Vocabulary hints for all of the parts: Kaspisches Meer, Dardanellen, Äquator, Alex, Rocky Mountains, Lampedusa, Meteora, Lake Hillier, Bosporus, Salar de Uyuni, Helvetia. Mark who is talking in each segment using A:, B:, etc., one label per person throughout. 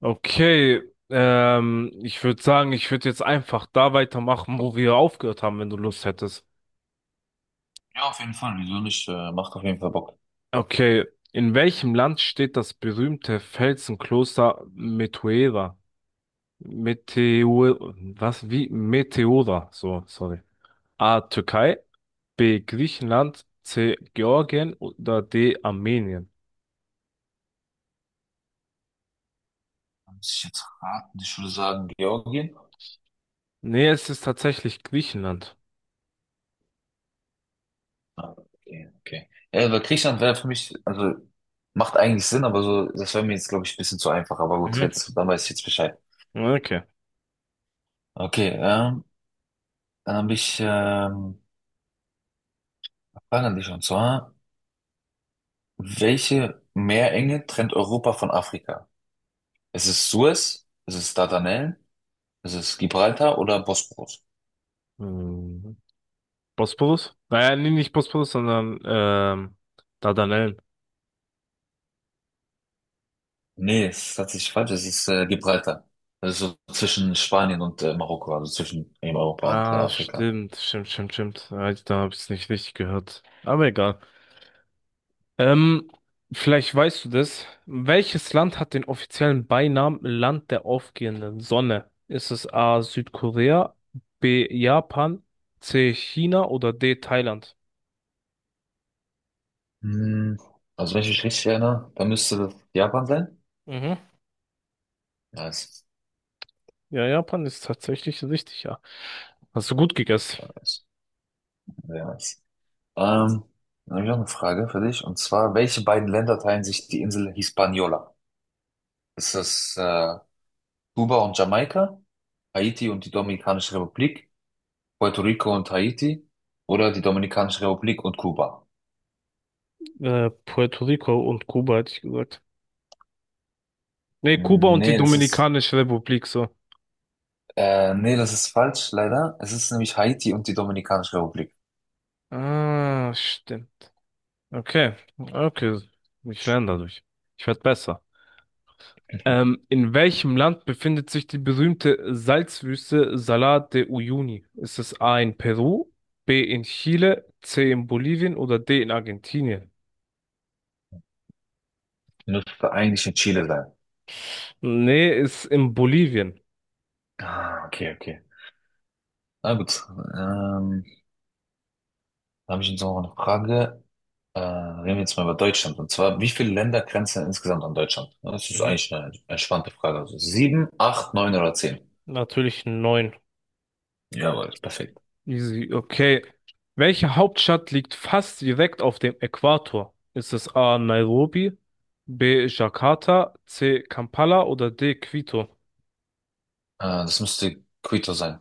A: Okay, ich würde sagen, ich würde jetzt einfach da weitermachen, wo wir aufgehört haben, wenn du Lust hättest.
B: Ja, auf jeden Fall. Wieso nicht? Macht auf jeden Fall Bock.
A: Okay, in welchem Land steht das berühmte Felsenkloster Meteora? Meteor, was, wie? Meteora, so, sorry. A, Türkei, B, Griechenland, C, Georgien oder D, Armenien?
B: Muss ich jetzt raten? Ich würde sagen Georgien.
A: Nee, es ist tatsächlich Griechenland.
B: Ah, okay, okay. Ja, weil Griechenland wäre für mich, also macht eigentlich Sinn, aber so, das wäre mir jetzt, glaube ich, ein bisschen zu einfach. Aber gut,
A: Mhm.
B: jetzt, dann weiß ich jetzt Bescheid.
A: Okay.
B: Okay, dann habe ich Fragen an dich, und zwar, welche Meerenge trennt Europa von Afrika? Ist es Suez? Ist es Dardanellen? Ist es Gibraltar oder Bosporus?
A: Hm. Bosporus? Naja, nee, nicht Bosporus, sondern Dardanellen.
B: Nee, es ist tatsächlich falsch. Es ist Gibraltar. Das ist so zwischen Spanien und Marokko, also zwischen eben Europa und
A: Ah,
B: Afrika.
A: stimmt, stimmt, stimmt, stimmt. Ah, da habe ich es nicht richtig gehört. Aber egal. Ähm, vielleicht weißt du das. Welches Land hat den offiziellen Beinamen Land der aufgehenden Sonne? Ist es A. Südkorea, B. Japan, C. China oder D. Thailand?
B: Hm, also wenn ich mich richtig erinnere, dann müsste das Japan sein.
A: Mhm.
B: Nice,
A: Ja, Japan ist tatsächlich richtig, ja. Hast du gut gegessen.
B: nice, sehr nice. Ähm, Dann habe ich noch eine Frage für dich. Und zwar, welche beiden Länder teilen sich die Insel Hispaniola? Ist das Kuba und Jamaika, Haiti und die Dominikanische Republik, Puerto Rico und Haiti oder die Dominikanische Republik und Kuba?
A: Puerto Rico und Kuba hätte ich gesagt. Nee, Kuba
B: Hm,
A: und die
B: Nee, das ist
A: Dominikanische Republik so.
B: nee, das ist falsch, leider. Es ist nämlich Haiti und die Dominikanische Republik.
A: Ah, stimmt. Okay, okay. Ich lerne dadurch. Ich werde besser. In welchem Land befindet sich die berühmte Salzwüste Salar de Uyuni? Ist es A in Peru, B in Chile, C in Bolivien oder D in Argentinien?
B: Müsste eigentlich in Chile sein.
A: Nee, ist in Bolivien.
B: Ah, okay, okay. Na gut. Ähm, Da habe ich jetzt noch eine Frage. Reden wir jetzt mal über Deutschland. Und zwar, wie viele Länder grenzen denn insgesamt an Deutschland? Ja, das ist
A: Mhm.
B: eigentlich eine entspannte Frage. Also sieben, acht, neun oder zehn?
A: Natürlich neun.
B: Jawohl, perfekt.
A: Easy, okay. Welche Hauptstadt liegt fast direkt auf dem Äquator? Ist es A. Nairobi, B. Jakarta, C. Kampala oder D. Quito?
B: Das müsste Quito sein.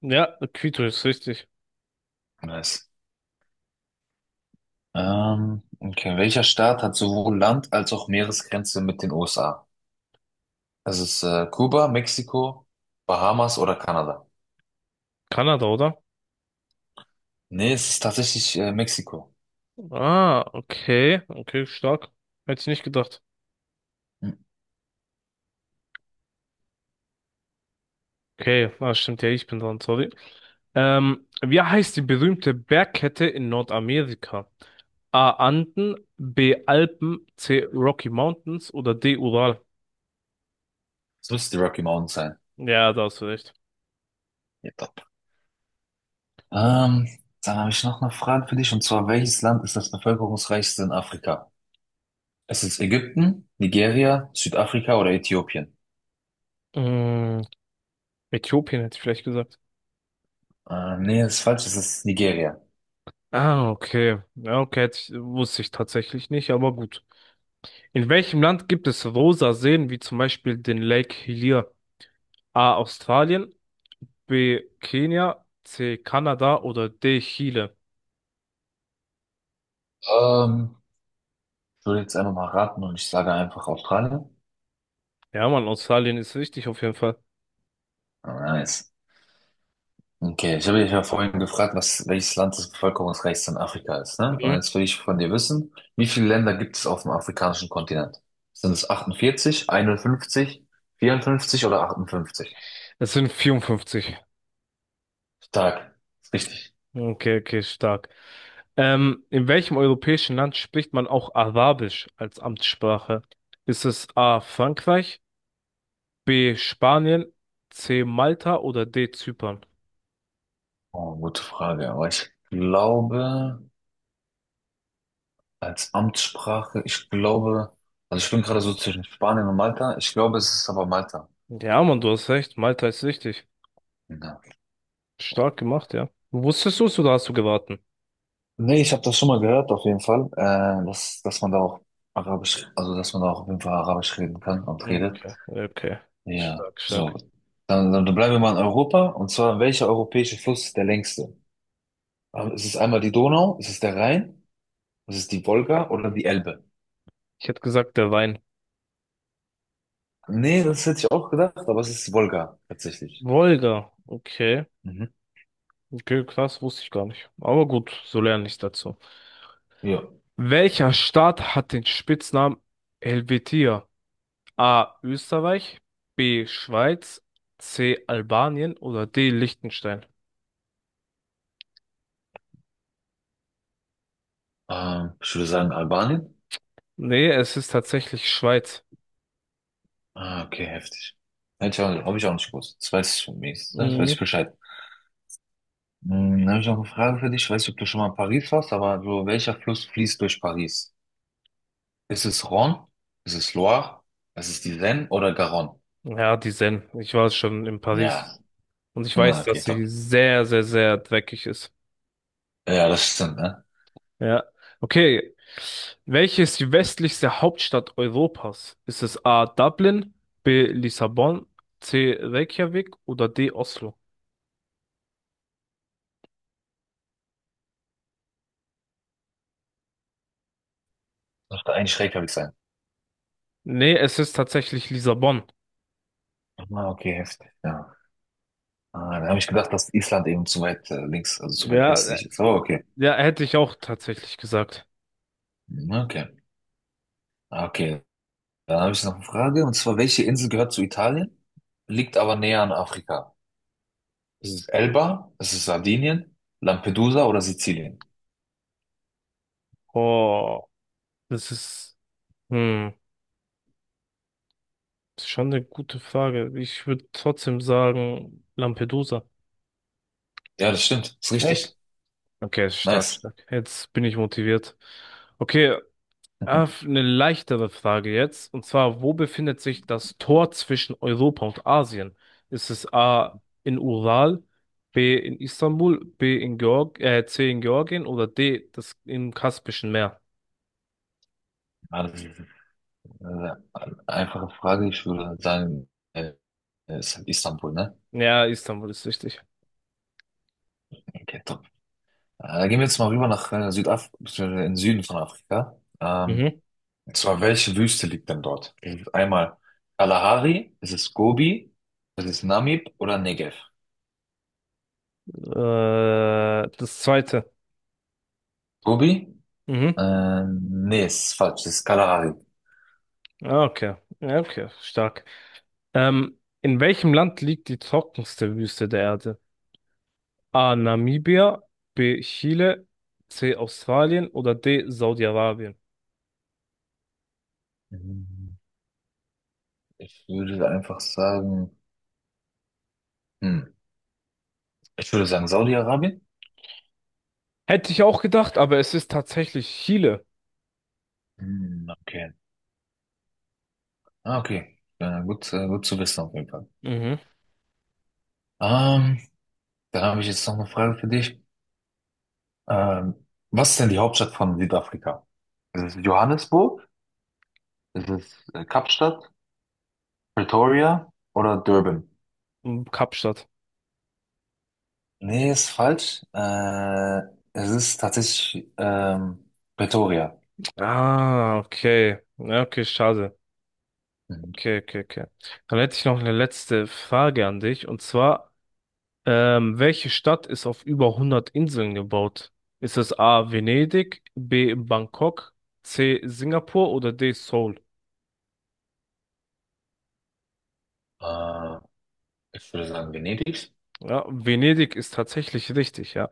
A: Ja, Quito ist richtig.
B: Nice. Okay. Welcher Staat hat sowohl Land- als auch Meeresgrenze mit den USA? Es ist Kuba, Mexiko, Bahamas oder Kanada.
A: Kanada, oder?
B: Nee, es ist tatsächlich Mexiko.
A: Ah, okay. Okay, stark. Hätte ich nicht gedacht.
B: Hm.
A: Okay, ah, stimmt ja, ich bin dran, sorry. Wie heißt die berühmte Bergkette in Nordamerika? A. Anden, B. Alpen, C. Rocky Mountains oder D. Ural?
B: Es müsste die Rocky Mountains sein.
A: Ja, da hast du recht.
B: Ja, top. Ähm, Dann habe ich noch eine Frage für dich, und zwar, welches Land ist das bevölkerungsreichste in Afrika? Es ist Ägypten, Nigeria, Südafrika oder Äthiopien?
A: Mm, Äthiopien hätte ich vielleicht gesagt.
B: Nee, das ist falsch, es ist Nigeria.
A: Ah, okay. Ja, okay, hätte ich, wusste ich tatsächlich nicht, aber gut. In welchem Land gibt es rosa Seen, wie zum Beispiel den Lake Hillier? A. Australien, B. Kenia, C. Kanada oder D. Chile?
B: Ähm, Ich würde jetzt einfach mal raten und ich sage einfach Australien.
A: Ja, Mann, Australien ist richtig auf jeden Fall.
B: Ah, nice. Okay, ich habe dich ja vorhin gefragt, welches Land das bevölkerungsreichste in Afrika ist, ne? Und
A: Mhm.
B: jetzt will ich von dir wissen, wie viele Länder gibt es auf dem afrikanischen Kontinent? Sind es 48, 51, 54 oder 58?
A: Es sind 54.
B: Stark, ist richtig.
A: Okay, okay, stark. In welchem europäischen Land spricht man auch Arabisch als Amtssprache? Ist es A. Frankreich? B. Spanien, C. Malta oder D. Zypern?
B: Oh, gute Frage, aber ich glaube, als Amtssprache, ich glaube, also ich bin gerade so zwischen Spanien und Malta, ich glaube, es ist aber Malta.
A: Ja, Mann, du hast recht. Malta ist richtig.
B: Ja.
A: Stark gemacht, ja. Wusstest du es oder hast du geraten?
B: Nee, ich habe das schon mal gehört, auf jeden Fall, dass man da auch Arabisch, also dass man da auch auf jeden Fall Arabisch reden kann und
A: Okay,
B: redet.
A: okay.
B: Ja,
A: Stark, stark.
B: so. Dann bleiben wir mal in Europa, und zwar, welcher europäische Fluss ist der längste? Ist es einmal die Donau, ist es der Rhein, ist es die Wolga oder die Elbe?
A: Ich hätte gesagt, der Wein.
B: Nee, das hätte ich auch gedacht, aber es ist die Wolga, tatsächlich.
A: Wolga. Okay.
B: Mhm.
A: Okay, krass, wusste ich gar nicht. Aber gut, so lerne ich dazu.
B: Ja,
A: Welcher Staat hat den Spitznamen Helvetia? A. Österreich, B. Schweiz, C. Albanien oder D. Liechtenstein?
B: ich würde sagen Albanien.
A: Nee, es ist tatsächlich Schweiz.
B: Ah, okay, heftig. Hätte ich auch, habe ich auch nicht gewusst. Das weiß ich von mir. Das weiß
A: Mhm.
B: ich Bescheid. Hm, habe ich noch eine Frage für dich. Ich weiß nicht, ob du schon mal in Paris warst, aber so, welcher Fluss fließt durch Paris? Ist es Rhône? Ist es Loire? Ist es die Seine oder Garonne?
A: Ja, die Seine. Ich war schon in
B: Ja.
A: Paris und ich
B: Na,
A: weiß,
B: okay,
A: dass sie
B: top.
A: sehr, sehr, sehr dreckig ist.
B: Ja, das stimmt, ne?
A: Ja. Okay. Welche ist die westlichste Hauptstadt Europas? Ist es A. Dublin, B. Lissabon, C. Reykjavik oder D. Oslo?
B: Das müsste eigentlich Reykjavik sein.
A: Nee, es ist tatsächlich Lissabon.
B: Ah, okay, heftig. Ja. Ah, da habe ich gedacht, dass Island eben zu weit links, also zu weit
A: Ja,
B: westlich ist. Oh, okay.
A: ja, hätte ich auch tatsächlich gesagt.
B: Hm, okay. Ah, okay. Dann habe ich noch eine Frage, und zwar, welche Insel gehört zu Italien, liegt aber näher an Afrika? Ist es Elba? Ist es Sardinien? Lampedusa oder Sizilien?
A: Oh, das ist, hm, ist schon eine gute Frage. Ich würde trotzdem sagen Lampedusa.
B: Ja, das stimmt. Ist
A: Echt?
B: richtig.
A: Okay, stark,
B: Nice.
A: stark. Jetzt bin ich motiviert. Okay, eine leichtere Frage jetzt. Und zwar, wo befindet sich das Tor zwischen Europa und Asien? Ist es A in Ural, B in Istanbul, B in Georg C in Georgien oder D das im Kaspischen Meer?
B: Ja, das ist eine einfache Frage. Ich würde sagen, äh, ist halt Istanbul, ne?
A: Ja, Istanbul ist richtig.
B: Okay, top. Gehen wir jetzt mal rüber nach Südafrika, beziehungsweise in den Süden von Afrika.
A: Mhm.
B: Und zwar, welche Wüste liegt denn dort? Ist es einmal Kalahari, ist es Gobi, ist es Namib oder Negev?
A: Äh, das zweite.
B: Gobi?
A: Mhm.
B: Nee, ist falsch. Das ist Kalahari.
A: Ah, okay. Ja, okay, stark. In welchem Land liegt die trockenste Wüste der Erde? A. Namibia, B. Chile, C. Australien oder D. Saudi-Arabien.
B: Mhm. Ich würde einfach sagen, hm, ich würde sagen Saudi-Arabien.
A: Hätte ich auch gedacht, aber es ist tatsächlich Chile.
B: Hm, okay. Ah, okay. Ja, gut, gut zu wissen auf jeden Fall.
A: Mhm.
B: Ähm, Dann habe ich jetzt noch eine Frage für dich. Ähm, Was ist denn die Hauptstadt von Südafrika? Ist es Johannesburg? Ist es Kapstadt? Pretoria oder Durban?
A: Und Kapstadt.
B: Nee, ist falsch. Es ist tatsächlich Pretoria.
A: Ah, okay. Ja, okay, schade.
B: Mhm.
A: Okay, okay, okay. Dann hätte ich noch eine letzte Frage an dich. Und zwar, welche Stadt ist auf über 100 Inseln gebaut? Ist es A. Venedig, B. Bangkok, C. Singapur oder D. Seoul?
B: Äh, Ich würde sagen Venedig.
A: Ja, Venedig ist tatsächlich richtig, ja.